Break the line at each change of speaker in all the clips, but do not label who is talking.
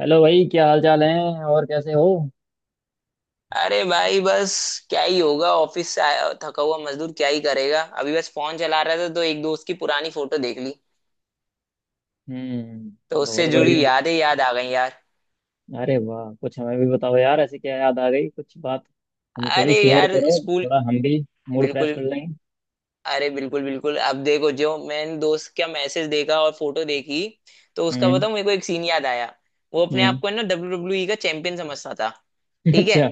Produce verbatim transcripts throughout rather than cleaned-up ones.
Hello भाई, क्या हाल चाल है और कैसे हो?
अरे भाई बस। क्या ही होगा, ऑफिस से आया थका हुआ मजदूर क्या ही करेगा। अभी बस फोन चला रहा था तो एक दोस्त की पुरानी फोटो देख ली
हम्म,
तो उससे
बहुत बढ़िया।
जुड़ी यादें याद आ गई यार।
अरे वाह, कुछ हमें भी बताओ यार, ऐसी क्या याद आ गई? कुछ बात हमसे भी
अरे
शेयर
यार
करो,
स्कूल।
थोड़ा हम भी मूड फ्रेश
बिल्कुल।
कर लेंगे।
अरे बिल्कुल बिल्कुल, अब देखो, जो मैंने दोस्त का मैसेज देखा और फोटो देखी तो उसका
हम्म।
बताऊं, मेरे को एक सीन याद आया। वो अपने आप
हम्म।
को है ना डब्ल्यू डब्ल्यू ई का चैंपियन समझता था। ठीक है।
अच्छा।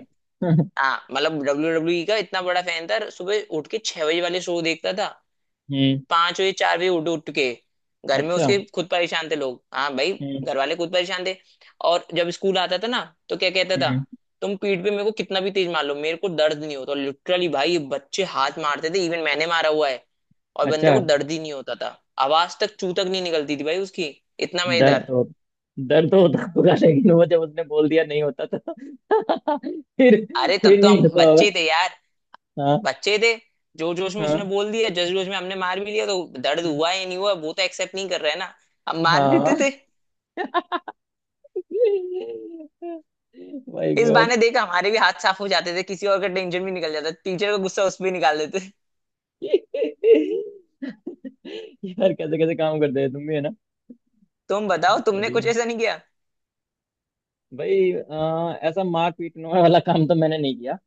हाँ मतलब डब्ल्यू डब्ल्यू ई का इतना बड़ा फैन था, सुबह उठ के छह बजे वाले शो देखता था।
हम्म।
पांच बजे, चार बजे उठ उठ के घर में
अच्छा।
उसके खुद परेशान थे लोग। हाँ भाई,
हम्म।
घर वाले खुद परेशान थे। और जब स्कूल आता था ना तो क्या कहता था,
हम्म।
तुम पीठ पे मेरे को कितना भी तेज मार लो मेरे को दर्द नहीं होता। लिटरली भाई, ये बच्चे हाथ मारते थे, इवन मैंने मारा हुआ है और बंदे
अच्छा।
को दर्द ही नहीं होता था। आवाज तक चू तक नहीं निकलती थी भाई उसकी, इतना मजेदार।
दर्द हो दर्द होता होगा, लेकिन वो जब उसने बोल दिया नहीं होता, तो फिर
अरे तब
फिर
तो
नहीं
हम
होता होगा।
बच्चे थे यार,
हाँ।
बच्चे थे, जोर जोश में उसने
हाँ।
बोल दिया, जस जोश में हमने मार भी लिया तो दर्द
हम्म,
हुआ या नहीं हुआ वो तो एक्सेप्ट नहीं कर रहा है ना, हम मार देते थे।
हाँ। माय
इस
गॉड।
बहाने देख हमारे भी हाथ साफ हो जाते थे, किसी और का टेंशन भी निकल जाता, टीचर का गुस्सा उस पे निकाल देते।
यार, कैसे कैसे काम करते हैं तुम भी, है ना?
तुम बताओ, तुमने
बढ़िया।
कुछ ऐसा नहीं किया?
भाई, अ, ऐसा मार पीटने वाला काम तो मैंने नहीं किया।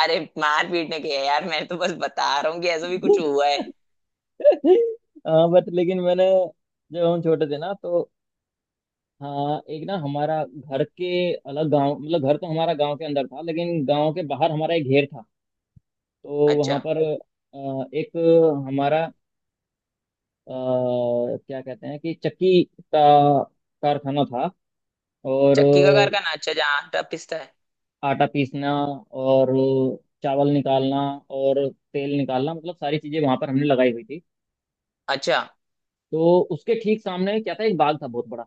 अरे मार पीट ने किया यार, मैं तो बस बता रहा हूँ कि ऐसा भी कुछ हुआ है।
आ, बट लेकिन मैंने, जब हम छोटे थे ना, तो हाँ, एक ना, हमारा घर के अलग गांव, मतलब घर तो हमारा गांव के अंदर था, लेकिन गांव के बाहर हमारा एक घेर था। तो वहां
अच्छा।
पर अ, एक हमारा, अ, क्या कहते हैं कि चक्की का कारखाना था। और
चक्की का कारखाना, अच्छा, जहाँ आटा पिसता है।
आटा पीसना, और चावल निकालना, और तेल निकालना, मतलब सारी चीजें वहां पर हमने लगाई हुई थी।
अच्छा।
तो उसके ठीक सामने क्या था, एक बाग था बहुत बड़ा।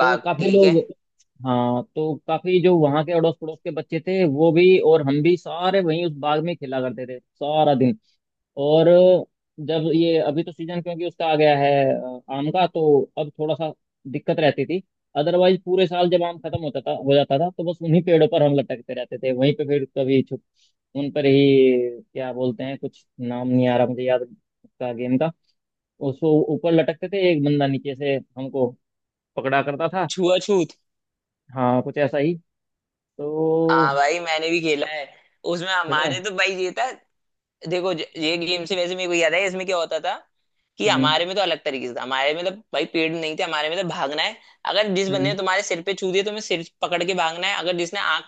तो काफी
ठीक है।
लोग, हाँ, तो काफी, जो वहां के अड़ोस पड़ोस के बच्चे थे, वो भी और हम भी सारे वहीं उस बाग में खेला करते थे सारा दिन। और जब ये अभी तो सीजन, क्योंकि उसका आ गया है, अ, आम का, तो अब थोड़ा सा दिक्कत रहती थी। अदरवाइज पूरे साल, जब आम खत्म होता था, हो जाता था, तो बस उन्हीं पेड़ों पर हम लटकते रहते थे, वहीं पे फिर कभी छुप, उन पर ही, क्या बोलते हैं, कुछ नाम नहीं आ रहा मुझे याद उसका, गेम का। उसको ऊपर लटकते थे, एक बंदा नीचे से हमको पकड़ा करता था।
छुआछूत।
हाँ, कुछ ऐसा ही।
हाँ
तो
भाई मैंने भी खेला है। उसमें
खेला
हमारे
है।
तो भाई ये था, देखो ज- ये गेम से वैसे मेरे को याद है इसमें क्या होता था, कि
हम्म।
हमारे में तो अलग तरीके से था। हमारे में तो भाई पेड़ नहीं थे, हमारे में तो भागना है। अगर जिस बंदे
हम्म।
ने तुम्हारे सिर पे छू दिया तो तुम्हें सिर पकड़ के भागना है। अगर जिसने आंख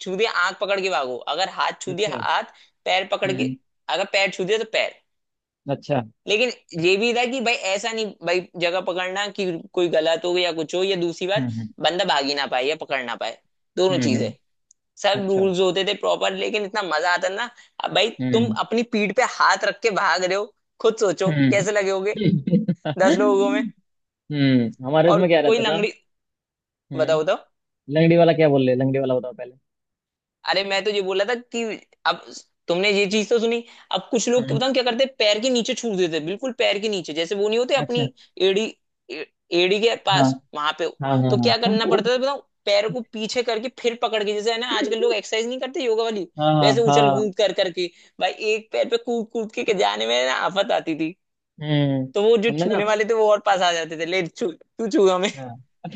छू दिया आंख पकड़ के भागो। अगर हाथ छू दिया
अच्छा।
हाथ पैर पकड़ के।
हम्म।
अगर पैर छू दिया तो पैर।
अच्छा।
लेकिन ये भी था कि भाई ऐसा नहीं, भाई जगह पकड़ना कि कोई गलत हो या कुछ हो, या दूसरी
हम्म।
बात
हम्म।
बंदा भाग ही ना पाए या पकड़ ना पाए, दोनों
हम्म।
चीजें।
हम्म,
सब
अच्छा।
रूल्स होते थे प्रॉपर, लेकिन इतना मजा आता ना। अब भाई तुम
हम्म।
अपनी पीठ पे हाथ रख के भाग रहे हो, खुद सोचो
हम्म।
कैसे लगे होगे दस लोगों में।
हम्म। हमारे
और
उसमें क्या
कोई
रहता था?
लंगड़ी? बताओ बताओ।
हम्म। लंगड़ी वाला क्या बोल रहे? लंगड़ी वाला बताओ पहले।
अरे मैं तो ये बोला था कि अब तुमने ये चीज तो सुनी। अब कुछ लोग, क्या
हम्म।
बताऊं, क्या करते हैं, पैर के नीचे छू देते हैं। बिल्कुल पैर के नीचे, जैसे वो नहीं होते अपनी
अच्छा।
एड़ी, ए- एड़ी के
हाँ
पास वहां पे।
हाँ, हाँ,
तो क्या
हाँ।
करना पड़ता था बताऊं, पैर को पीछे करके फिर पकड़ के, जैसे है ना आजकल लोग एक्सरसाइज नहीं करते योगा वाली,
हाँ, हाँ,
वैसे उछल
हाँ।
कूद कर करके। भाई एक पैर पे कूद कूद के जाने में ना आफत आती थी।
हम्म।
तो वो जो
हमने ना,
छूने वाले थे वो और पास आ जाते थे, ले छू तू छू हमें।
हाँ।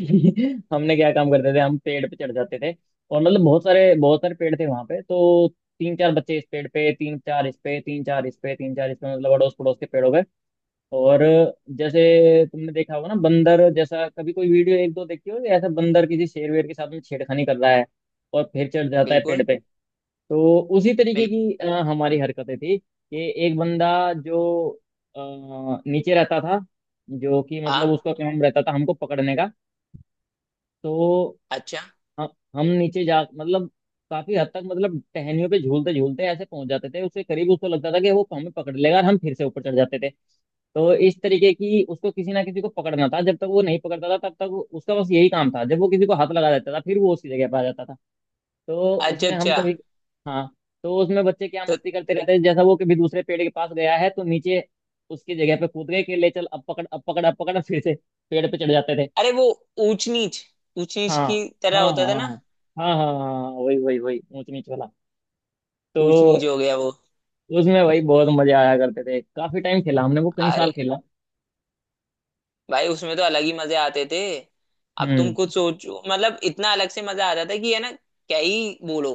हमने क्या काम करते थे, हम पेड़ पे चढ़ जाते थे। और मतलब बहुत सारे बहुत सारे पेड़ थे वहां पे, तो तीन चार बच्चे इस पेड़ पे, तीन चार इस पे, तीन चार इस पे, तीन चार इस पे, मतलब अड़ोस पड़ोस के पेड़ों पे। और जैसे तुमने देखा होगा ना, बंदर जैसा कभी कोई वीडियो एक दो देखी हो, ऐसा बंदर किसी शेर वेर के साथ में छेड़खानी कर रहा है, और फिर चढ़ जाता है पेड़
बिल्कुल
पे, तो उसी तरीके
बिल्कुल।
की अ, हमारी हरकतें थी कि एक बंदा जो अ, नीचे रहता था, जो कि मतलब
हाँ।
उसका काम रहता था हमको पकड़ने का। तो
अच्छा
हम हम नीचे जा, मतलब काफी हद तक, मतलब टहनियों पे झूलते झूलते ऐसे पहुंच जाते थे उसके करीब, उसको लगता था कि वो हमें पकड़ लेगा, और हम फिर से ऊपर चढ़ जाते थे। तो इस तरीके की, उसको किसी ना किसी को पकड़ना था, जब तक वो नहीं पकड़ता था तब तक वो- उसका बस यही काम था। जब वो किसी को हाथ लगा देता था, फिर वो उसकी जगह पर आ जाता था। तो
अच्छा।
उसमें हम
अच्छा।
कभी, हाँ, तो उसमें बच्चे क्या
तो
मस्ती करते रहते थे जैसा, वो कभी दूसरे पेड़ के पास गया है तो नीचे उसकी जगह पे कूद गए कि ले चल अब पकड़ अब पकड़ अब पकड़, फिर से पेड़ पे चढ़ जाते थे।
अरे वो ऊंच नीच, ऊंच नीच
हाँ,
की
हाँ,
तरह होता
हाँ। हाँ,
था ना।
हाँ, हाँ। हाँ, हाँ, वही वही वही, ऊंच नीच वाला। तो
ऊंच नीच हो गया वो।
उसमें वही बहुत मजे आया करते थे, काफी टाइम खेला हमने वो, कई साल
अरे
खेला।
भाई उसमें तो अलग ही मजे आते थे। अब तुम
हम्म।
कुछ सोचो, मतलब इतना अलग से मजा आता था, कि है ना, क्या ही बोलो।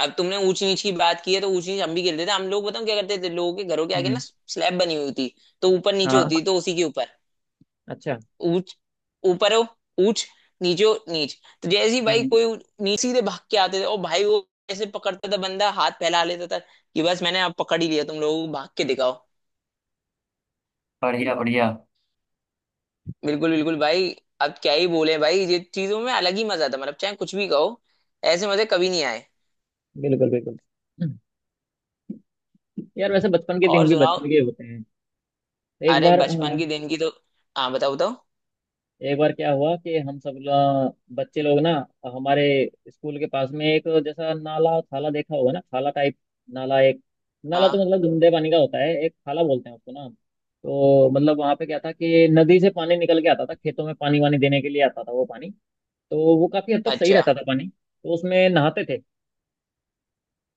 अब तुमने ऊंच नीच की बात की है तो ऊंच नीच हम भी खेलते थे। हम लोग बताओ क्या करते थे, लोगों के घरों के आगे ना
हम्म।
स्लैब बनी हुई थी, तो ऊपर नीचे
हाँ,
होती थी, तो उसी के ऊपर
अच्छा।
ऊंच, ऊपर हो ऊंच, नीचे हो नीच। तो जैसे ही भाई
हम्म।
कोई नीचे सीधे भाग के आते थे, और भाई वो ऐसे पकड़ता था, बंदा हाथ फैला लेता था कि बस मैंने अब पकड़ ही लिया, तुम लोगों को भाग के दिखाओ।
बढ़िया बढ़िया।
बिल्कुल बिल्कुल भाई। अब क्या ही बोले भाई, ये चीजों में अलग ही मजा था, मतलब चाहे कुछ भी कहो, ऐसे मजे कभी नहीं आए।
बिल्कुल बिल्कुल। हम्म, यार वैसे बचपन के दिन
और
भी
सुनाओ?
बचपन के होते हैं। एक
अरे
बार,
बचपन
हाँ,
के दिन की तो, हाँ बताओ बताओ।
एक बार क्या हुआ कि हम सब लोग- बच्चे लोग ना, हमारे स्कूल के पास में एक जैसा नाला, थाला, देखा होगा ना थाला टाइप, नाला, एक नाला
हाँ।
तो मतलब गंदे पानी का होता है, एक थाला बोलते हैं उसको ना हम। तो मतलब वहां पे क्या था कि नदी से पानी निकल के आता था, खेतों में पानी वानी देने के लिए आता था वो पानी, तो वो काफी हद तक सही
अच्छा।
रहता था पानी, तो उसमें नहाते थे।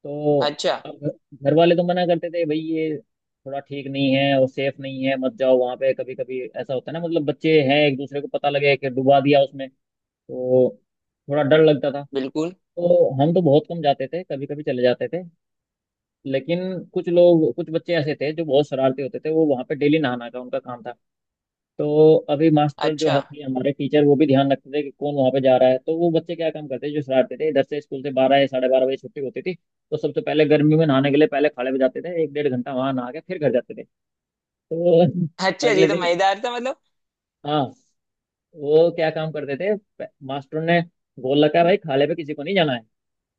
तो
अच्छा।
अब घ- घर वाले तो मना करते थे, भाई ये थोड़ा ठीक नहीं है और सेफ नहीं है, मत जाओ वहां पे। कभी कभी ऐसा होता है ना, मतलब बच्चे हैं, एक दूसरे को पता लगे कि डुबा दिया उसमें, तो थोड़ा डर लगता था।
बिल्कुल।
तो हम तो बहुत कम जाते थे, कभी कभी चले जाते थे। लेकिन कुछ लोग, कुछ बच्चे ऐसे थे जो बहुत शरारती होते थे, वो वहाँ पे डेली नहाना का उनका काम था। तो अभी मास्टर जो
अच्छा।
है- थे हमारे टीचर, वो भी ध्यान रखते थे कि कौन वहाँ पे जा रहा है। तो वो बच्चे क्या काम करते जो शरारती थे, इधर से स्कूल से बारह या साढ़े बारह बजे छुट्टी होती थी, तो सबसे पहले गर्मी में नहाने के लिए पहले खाड़े पे जाते थे। एक डेढ़ घंटा वहाँ नहा के फिर घर जाते थे। तो
अच्छा
अगले
ये तो
दिन,
मजेदार था मतलब।
हाँ, वो क्या काम करते थे, मास्टर ने बोल रखा है भाई खाले पे किसी को नहीं जाना है,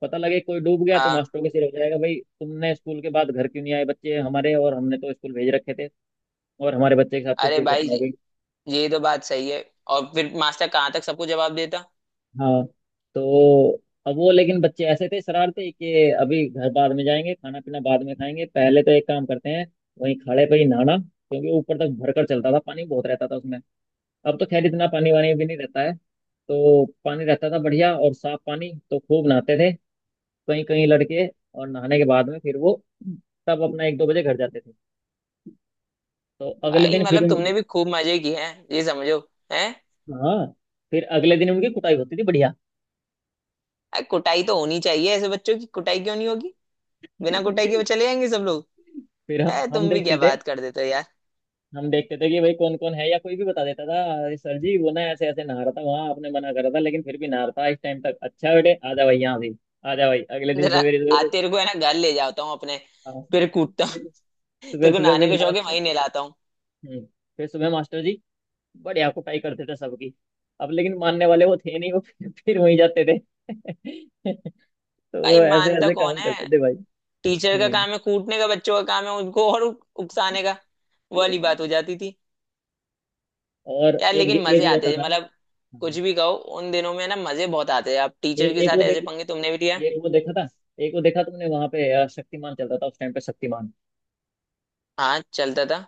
पता लगे कोई डूब गया तो
हाँ।
मास्टरों के सिर हो जाएगा, भाई तुमने स्कूल के बाद घर क्यों नहीं आए? बच्चे हमारे, और हमने तो स्कूल भेज रखे थे, और हमारे बच्चे के साथ कुछ
अरे
दुर्घटना हो
भाई
गई।
ये तो बात सही है, और फिर मास्टर कहाँ तक सबको जवाब देता।
हाँ, तो अब वो लेकिन बच्चे ऐसे थे शरारते कि अभी घर बाद में जाएंगे, खाना पीना बाद में खाएंगे, पहले तो एक काम करते हैं, वहीं खड़े पे ही नहाना, क्योंकि ऊपर तक भरकर चलता था पानी, बहुत रहता था उसमें। अब तो खैर इतना पानी वानी भी नहीं रहता है, तो पानी रहता था बढ़िया और साफ पानी, तो खूब नहाते थे कहीं कहीं लड़के। और नहाने के बाद में फिर वो तब अपना एक दो बजे घर जाते थे। तो अगले
भाई
दिन फिर
मतलब
उनकी,
तुमने भी खूब मजे किए हैं ये समझो, हैं?
हाँ, फिर अगले दिन उनकी कुटाई होती थी बढ़िया।
अरे कुटाई तो होनी चाहिए ऐसे बच्चों की, कुटाई क्यों नहीं होगी? बिना कुटाई के वो चले जाएंगे सब लोग।
फिर ह-
अरे
हम
तुम भी क्या
देखते थे,
बात कर देते हो यार।
हम देखते थे कि भाई कौन कौन है, या कोई भी बता देता था "अरे सर जी वो ना ऐसे ऐसे नहा रहा था वहां, आपने मना करा था लेकिन फिर भी नहा रहा था इस टाइम तक"। अच्छा बेटे आजा भाई यहाँ भी, आजा भाई, अगले दिन
जरा
सवेरे
आ,
सवेरे।
तेरे को है ना घर ले जाता हूँ अपने,
हाँ,
फिर कूटता हूँ।
फिर सुबह
तेरे को
सुबह फिर
नहाने का शौक है,
मास्टर,
वहीं नहलाता हूँ।
हम्म, फिर सुबह मास्टर जी बढ़िया कुटाई करते थे सबकी। अब लेकिन मानने वाले वो थे नहीं, वो फिर फिर वहीं जाते थे। तो
भाई
वो ऐसे
मानता
ऐसे
कौन
काम
है?
करते थे भाई।
टीचर का
हम्म।
काम है कूटने का, बच्चों का काम है उनको और उ- उकसाने का, वो वाली बात हो जाती थी।
और
यार
एक
लेकिन
एक
मजे
वो होता
आते थे,
था।
मतलब कुछ
हम्म।
भी कहो, उन दिनों में ना मजे बहुत आते थे। आप टीचर
एक
के
एक वो
साथ
देख
ऐसे पंगे तुमने भी लिया?
एक वो देखा था, एक वो देखा तुमने वहां पे, अ, शक्तिमान चलता था उस टाइम पे। शक्तिमान
हाँ चलता था।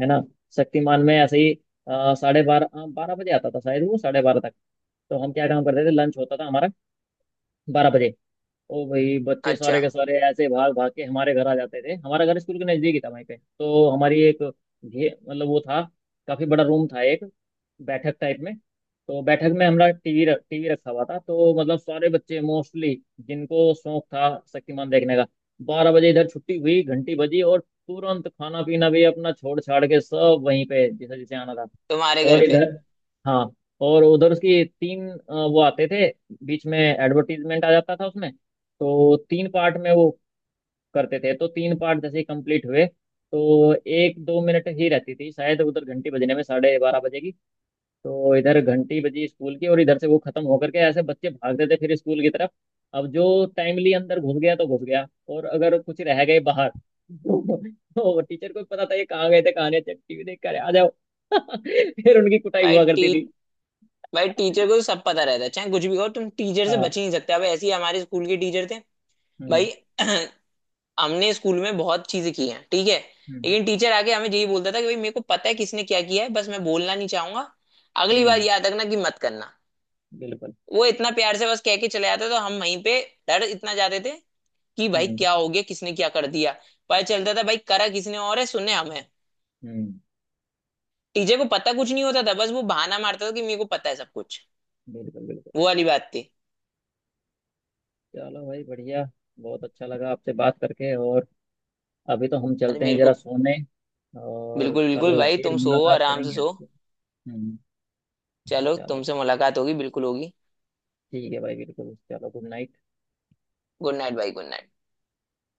है ना, शक्तिमान में ऐसे ही अ, साढ़े बारह, अ, बारह बजे आता था शायद वो, साढ़े बारह तक। तो हम क्या काम करते थे, लंच होता था हमारा बारह बजे। ओ भाई, बच्चे
अच्छा,
सारे के सारे ऐसे भाग भाग के हमारे घर आ जाते थे, हमारा घर स्कूल के नजदीक ही था वहीं पे, तो हमारी एक घे, मतलब वो था काफी बड़ा रूम था एक, बैठक टाइप में, तो बैठक में हमारा टीवी रख टीवी रखा हुआ था। तो मतलब सारे बच्चे मोस्टली, जिनको शौक था शक्तिमान देखने का, बारह बजे इधर छुट्टी हुई घंटी बजी और तुरंत खाना पीना भी अपना छोड़ छाड़ के सब वहीं पे, जैसे जैसे आना था।
तुम्हारे घर
और
पे।
इधर, हाँ, और उधर उसकी तीन, अ, वो आते थे, बीच में एडवर्टीजमेंट आ जाता था उसमें, तो तीन पार्ट में वो करते थे। तो तीन पार्ट जैसे ही कंप्लीट हुए, तो एक दो मिनट ही रहती थी शायद उधर घंटी बजने में, साढ़े बारह बजे की। तो इधर घंटी बजी स्कूल की, और इधर से वो खत्म होकर के ऐसे बच्चे भागते थे फिर स्कूल की तरफ। अब जो टाइमली अंदर घुस गया तो घुस गया, और अगर कुछ रह गए बाहर, तो तो टीचर को भी पता था ये कहाँ गए थे कहाँ नहीं, टीवी देख कर आ जाओ। फिर उनकी कुटाई
भाई
हुआ करती
टी
थी।
भाई टीचर को तो सब पता रहता है, चाहे कुछ भी कहो, तुम टीचर से
हाँ।
बच ही नहीं सकते। अब ऐसे ही हमारे स्कूल के टीचर थे
हम्म।
भाई। हमने स्कूल में बहुत चीजें की हैं, ठीक है,
हम्म।
लेकिन टीचर आके हमें यही बोलता था कि भाई मेरे को पता है किसने क्या किया है, बस मैं बोलना नहीं चाहूंगा, अगली बार
हम्म,
याद रखना कि मत करना।
बिल्कुल।
वो इतना प्यार से बस कह के चले जाता, तो हम वहीं पे डर इतना जाते थे कि भाई
हम्म।
क्या हो गया, किसने क्या कर दिया। पता चलता था भाई करा किसने, और है सुने हमें।
हम्म।
टीचर को पता कुछ नहीं होता था, बस वो बहाना मारता था कि मेरे को पता है सब कुछ।
बिल्कुल बिल्कुल।
वो वाली बात थी।
चलो भाई, बढ़िया, बहुत अच्छा लगा आपसे बात करके, और अभी तो हम
अरे
चलते हैं
मेरे को,
जरा सोने, और
बिल्कुल बिल्कुल
कल
भाई,
फिर
तुम सो,
मुलाकात
आराम से
करेंगे
सो।
आपसे। हम्म।
चलो
चलो,
तुमसे मुलाकात होगी, बिल्कुल होगी।
ठीक है भाई, बिल्कुल। चलो, गुड नाइट।
गुड नाइट भाई, गुड नाइट।